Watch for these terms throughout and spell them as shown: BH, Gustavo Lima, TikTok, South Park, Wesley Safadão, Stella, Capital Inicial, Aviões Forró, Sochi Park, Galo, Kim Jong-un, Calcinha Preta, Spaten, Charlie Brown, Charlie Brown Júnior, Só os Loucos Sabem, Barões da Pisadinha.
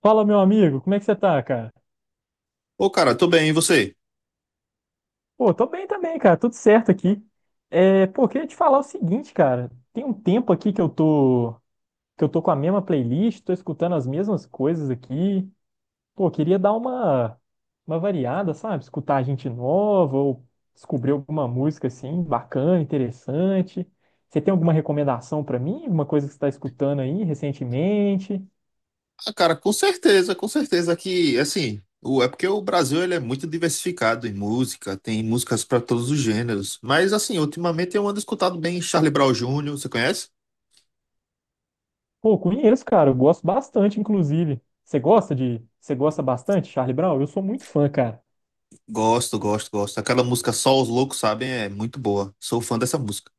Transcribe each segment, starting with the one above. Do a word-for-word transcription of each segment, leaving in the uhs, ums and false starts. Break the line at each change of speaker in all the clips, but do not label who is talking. Fala, meu amigo, como é que você tá, cara?
Ô, cara, tô bem, e você?
Pô, tô bem também, cara, tudo certo aqui. É, pô, queria te falar o seguinte, cara, tem um tempo aqui que eu tô, que eu tô com a mesma playlist, tô escutando as mesmas coisas aqui. Pô, queria dar uma, uma variada, sabe? Escutar gente nova ou descobrir alguma música assim, bacana, interessante. Você tem alguma recomendação pra mim? Alguma coisa que você tá escutando aí recentemente?
Ah, cara, com certeza, com certeza que, assim, o, é porque o Brasil ele é muito diversificado em música, tem músicas pra todos os gêneros. Mas, assim, ultimamente eu ando escutado bem Charlie Brown Júnior. Você conhece?
Pô, conheço, cara. Eu gosto bastante, inclusive. Você gosta de. Você gosta bastante, Charlie Brown? Eu sou muito fã, cara.
Gosto, gosto, gosto. Aquela música Só os Loucos Sabem é muito boa. Sou fã dessa música.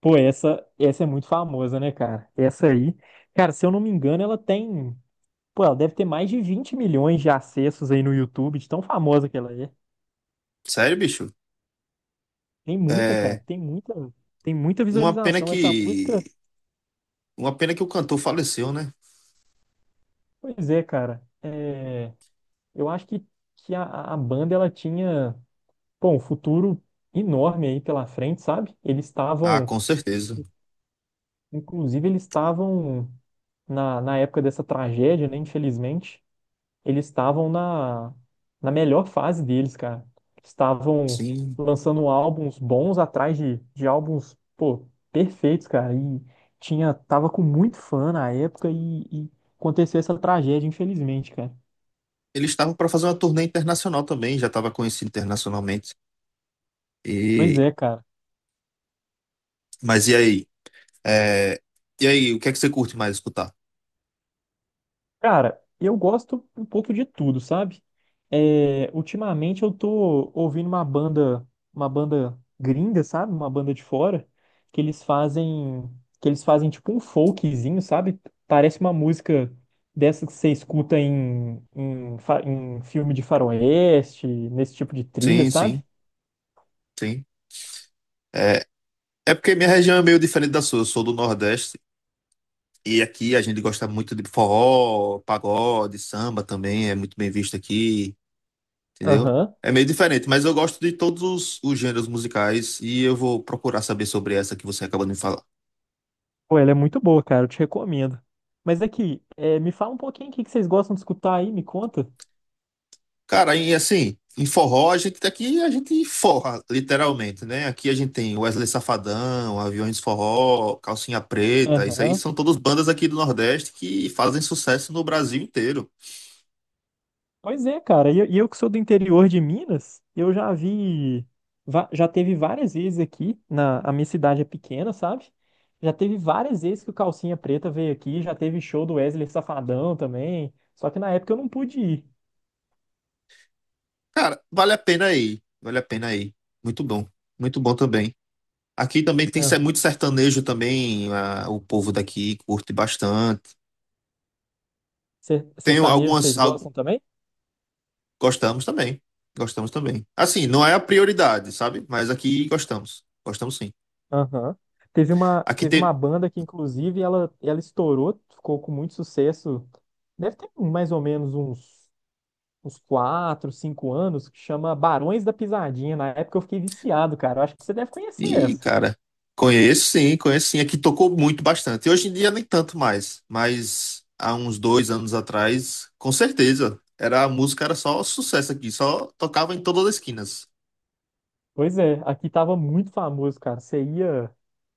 Pô, essa, essa é muito famosa, né, cara? Essa aí. Cara, se eu não me engano, ela tem. Pô, ela deve ter mais de vinte milhões de acessos aí no YouTube, de tão famosa que ela é.
Sério, bicho?
Tem muita, cara.
É,
Tem muita. Tem muita
uma pena
visualização. Essa música.
que, uma pena que o cantor faleceu, né?
Pois é, cara. É, eu acho que, que a, a banda ela tinha. Pô, um futuro enorme aí pela frente, sabe? Eles
Ah,
estavam.
com certeza.
Inclusive, eles estavam, na, na época dessa tragédia, né? Infelizmente, eles estavam na, na melhor fase deles, cara. Estavam
Sim.
lançando álbuns bons atrás de, de álbuns, pô, perfeitos, cara. E tinha, tava com muito fã na época e, e aconteceu essa tragédia, infelizmente, cara.
Eles estavam pra fazer uma turnê internacional também, já tava conhecido internacionalmente.
Pois
E,
é, cara.
mas e aí? É, e aí, o que é que você curte mais escutar?
Cara, eu gosto um pouco de tudo, sabe? É, ultimamente eu tô ouvindo uma banda, uma banda gringa, sabe? Uma banda de fora, que eles fazem, que eles fazem tipo um folkzinho, sabe? Parece uma música dessa que você escuta em, em, fa- em filme de faroeste, nesse tipo de trilha,
Sim,
sabe?
sim, sim. É, é porque minha região é meio diferente da sua. Eu sou do Nordeste e aqui a gente gosta muito de forró, pagode, samba também. É muito bem visto aqui, entendeu?
Aham.
É meio diferente, mas eu gosto de todos os, os gêneros musicais e eu vou procurar saber sobre essa que você acabou de me falar.
Pô, ela é muito boa, cara. Eu te recomendo. Mas aqui, é, me fala um pouquinho o que que vocês gostam de escutar aí, me conta.
Cara, e assim, em forró, a gente aqui a gente forra, literalmente, né? Aqui a gente tem Wesley Safadão, Aviões Forró, Calcinha Preta, isso aí
Aham.
são todas bandas aqui do Nordeste que fazem sucesso no Brasil inteiro.
Pois é, cara. E eu, e eu que sou do interior de Minas, eu já vi, va- já teve várias vezes aqui, na, a minha cidade é pequena, sabe? Já teve várias vezes que o Calcinha Preta veio aqui, já teve show do Wesley Safadão também, só que na época eu não pude ir.
Cara, vale a pena aí, vale a pena aí. Muito bom, muito bom também. Aqui também tem ser-
Aham.
muito sertanejo também, ah, o povo daqui curte bastante.
Ser-
Tem
Sertanejo,
algumas,
vocês
algu-
gostam também?
gostamos também, gostamos também. Assim, não é a prioridade, sabe? Mas aqui gostamos, gostamos sim.
Aham. Teve uma,
Aqui
teve uma
tem,
banda que, inclusive, ela, ela estourou, ficou com muito sucesso. Deve ter mais ou menos uns uns quatro, cinco anos, que chama Barões da Pisadinha. Na época eu fiquei viciado, cara. Eu acho que você deve conhecer
e,
essa.
cara, conheço sim, conheço sim. É que tocou muito bastante. Hoje em dia nem tanto mais, mas há uns dois anos atrás, com certeza. Era a música, era só sucesso aqui, só tocava em todas as esquinas.
Pois é, aqui tava muito famoso, cara. Você ia,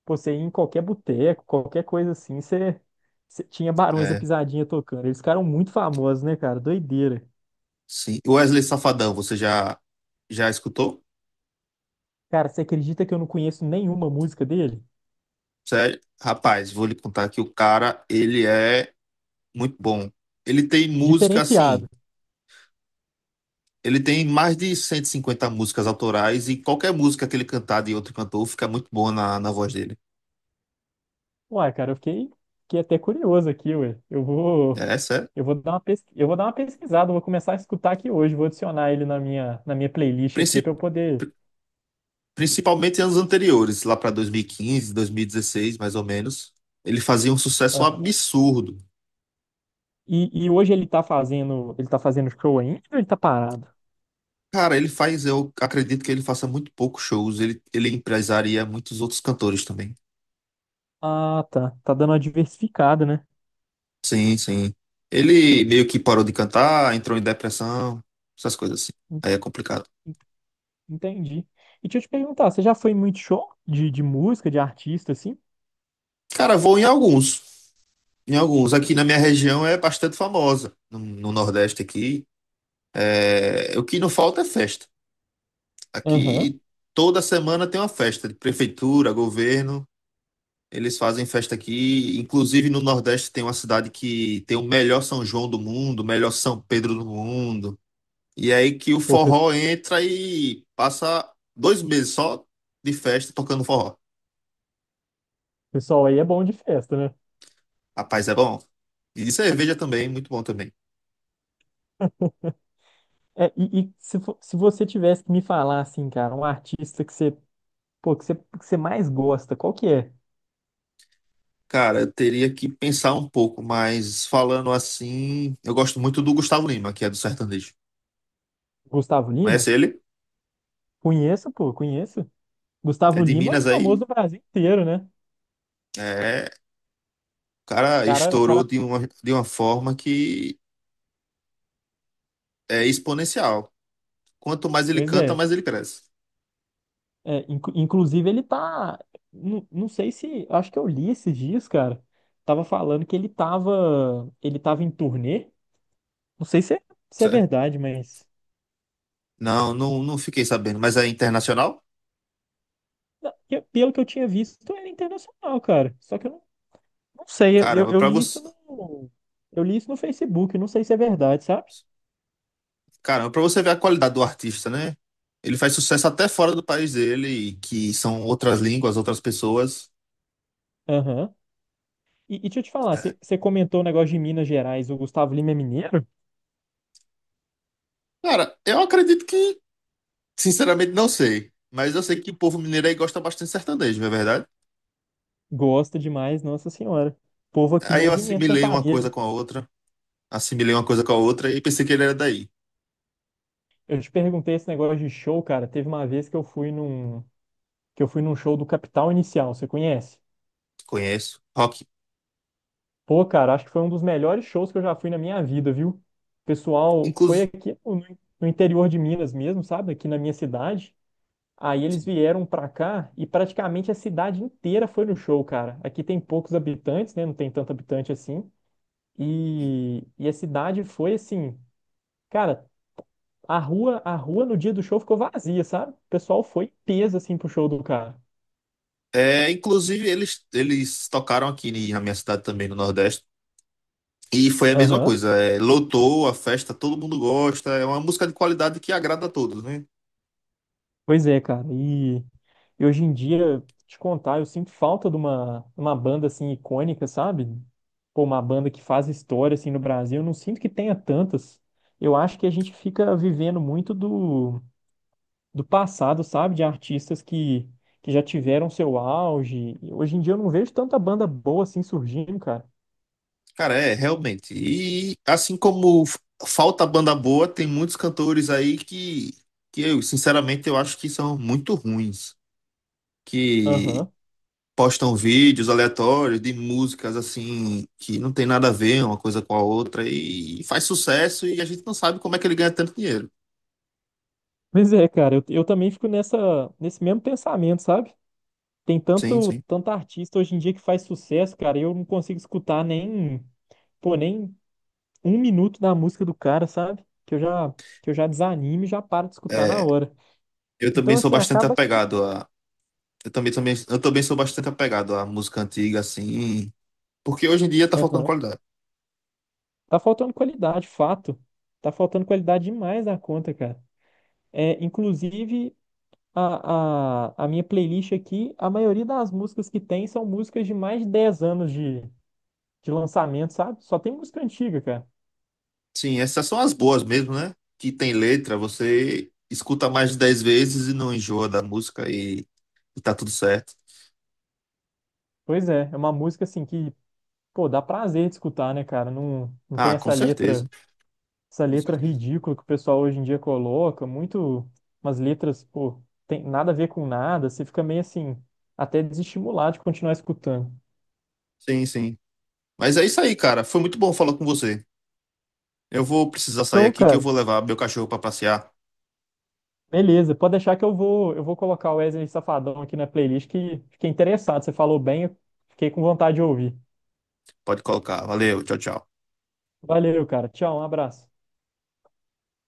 pô, você ia em qualquer boteco, qualquer coisa assim, você, você tinha Barões da
É,
Pisadinha tocando. Eles ficaram muito famosos, né, cara? Doideira.
sim. O Wesley Safadão, você já já escutou?
Cara, você acredita que eu não conheço nenhuma música dele?
Sério? Rapaz, vou lhe contar que o cara, ele é muito bom. Ele tem música
Diferenciado.
assim, ele tem mais de cento e cinquenta músicas autorais e qualquer música que ele cantar de outro cantor fica muito boa na, na voz dele.
Uai, cara, eu fiquei, fiquei até curioso aqui, ué. Eu vou,
É, sério.
eu vou dar uma pesqui... eu vou dar uma pesquisada, eu vou começar a escutar aqui hoje, vou adicionar ele na minha, na minha playlist aqui
princip-
para eu poder.
Principalmente em anos anteriores, lá para dois mil e quinze, dois mil e dezesseis, mais ou menos, ele fazia um sucesso
Aham.
absurdo.
E, e hoje ele tá fazendo, ele tá fazendo show ainda ou ele tá parado?
Cara, ele faz, eu acredito que ele faça muito poucos shows, ele, ele empresaria muitos outros cantores também.
Ah, tá. Tá dando uma diversificada, né?
Sim, sim. Ele meio que parou de cantar, entrou em depressão, essas coisas assim.
En-
Aí é complicado.
Entendi. E deixa eu te perguntar, você já foi em muito show de, de música, de artista, assim?
Cara, vou em alguns. Em alguns. Aqui na minha região é bastante famosa. No, no Nordeste aqui. É, o que não falta é festa.
Aham.
Aqui toda semana tem uma festa de prefeitura, governo. Eles fazem festa aqui. Inclusive no Nordeste tem uma cidade que tem o melhor São João do mundo, o melhor São Pedro do mundo. E é aí que o
Pô, o pe-
forró entra e passa dois meses só de festa tocando forró.
pessoal aí é bom de festa, né?
Rapaz, é bom. E de cerveja também, muito bom também.
É, e, e se, fo- se você tivesse que me falar, assim, cara, um artista que você. Pô, que você, que você mais gosta, qual que é?
Cara, eu teria que pensar um pouco, mas falando assim, eu gosto muito do Gustavo Lima, que é do sertanejo.
Gustavo Lima?
Conhece ele?
Conheço, pô, conheço.
É
Gustavo
de
Lima, é
Minas
famoso
aí?
no Brasil inteiro, né?
É. Cara
Cara,
estourou
cara,
de uma, de uma forma que é exponencial. Quanto mais ele
pois
canta,
é.
mais ele cresce.
É, incu- inclusive, ele tá. Não, não sei se. Acho que eu li esses dias, cara. Tava falando que ele tava. Ele tava em turnê. Não sei se é, se é
Certo?
verdade, mas.
Não, não, não fiquei sabendo, mas é internacional?
Não, eu- pelo que eu tinha visto, era internacional, cara. Só que eu não, não sei. Eu,
Caramba,
eu
pra
li isso
você,
no. Eu li isso no Facebook. Não sei se é verdade, sabe?
caramba, para você ver a qualidade do artista, né? Ele faz sucesso até fora do país dele, que são outras línguas, outras pessoas.
Aham. E, e deixa eu te falar, você você comentou o negócio de Minas Gerais, o Gustavo Lima é mineiro?
Cara, eu acredito que, sinceramente, não sei. Mas eu sei que o povo mineiro aí gosta bastante de sertanejo, não é verdade?
Gosta demais, Nossa Senhora. Povo aqui,
Aí eu
movimento
assimilei uma coisa
sertanejo.
com a outra, assimilei uma coisa com a outra e pensei que ele era daí.
Eu te perguntei esse negócio de show, cara. Teve uma vez que eu fui num, que eu fui num show do Capital Inicial, você conhece?
Conheço.
Pô, cara, acho que foi um dos melhores shows que eu já fui na minha vida, viu? O pessoal foi
Inclus...
aqui no, no interior de Minas mesmo, sabe? Aqui na minha cidade. Aí eles vieram pra cá e praticamente a cidade inteira foi no show, cara. Aqui tem poucos habitantes, né? Não tem tanto habitante assim. E, e a cidade foi assim, cara, a rua, a rua no dia do show ficou vazia, sabe? O pessoal foi em peso assim pro show do cara.
é, inclusive, eles, eles tocaram aqui em- na minha cidade também, no Nordeste. E foi a mesma
Aham.
coisa. É, lotou a festa, todo mundo gosta. É uma música de qualidade que agrada a todos, né?
Pois é, cara. E, e hoje em dia, te contar, eu sinto falta de uma, uma banda assim icônica, sabe? Pô, uma banda que faz história assim no Brasil, eu não sinto que tenha tantas. Eu acho que a gente fica vivendo muito do, do passado, sabe? De artistas que, que já tiveram seu auge e hoje em dia eu não vejo tanta banda boa assim surgindo, cara.
Cara, é, realmente. E assim como f- falta banda boa, tem muitos cantores aí que, que eu, sinceramente, eu acho que são muito ruins. Que
Aham.
postam vídeos aleatórios de músicas assim que não tem nada a ver uma coisa com a outra e faz sucesso e a gente não sabe como é que ele ganha tanto dinheiro.
Pois é, cara, eu, eu também fico nessa, nesse mesmo pensamento, sabe? Tem
Sim,
tanto,
sim.
tanto artista hoje em dia que faz sucesso, cara, e eu não consigo escutar nem, pô, nem um minuto da música do cara, sabe? Que eu já, que eu já desanimo e já paro de escutar na
É,
hora.
eu também
Então,
sou
assim,
bastante
acaba que.
apegado a eu também, também eu também sou bastante apegado à música antiga assim, porque hoje em dia tá faltando
Aham.
qualidade.
Tá faltando qualidade, fato. Tá faltando qualidade demais na conta, cara. É, inclusive, a, a, a minha playlist aqui, a maioria das músicas que tem são músicas de mais de dez anos de de lançamento, sabe? Só tem música antiga, cara.
Sim, essas são as boas mesmo, né? Que tem letra, você escuta mais de dez vezes e não enjoa da música e, e tá tudo certo.
Pois é, é uma música assim que, pô, dá prazer de escutar, né, cara? Não, não tem
Ah, com
essa
certeza.
letra, essa
Com
letra
certeza.
ridícula que o pessoal hoje em dia coloca, muito umas letras, pô, tem nada a ver com nada, você fica meio assim, até desestimulado de continuar escutando.
Sim, sim. Mas é isso aí, cara. Foi muito bom falar com você. Eu vou precisar sair
Show,
aqui que eu
cara.
vou levar meu cachorro para passear.
Beleza, pode deixar que eu vou, eu vou colocar o Wesley Safadão aqui na playlist que fiquei interessado, você falou bem, eu fiquei com vontade de ouvir.
Pode colocar. Valeu, tchau, tchau.
Valeu, cara. Tchau, um abraço.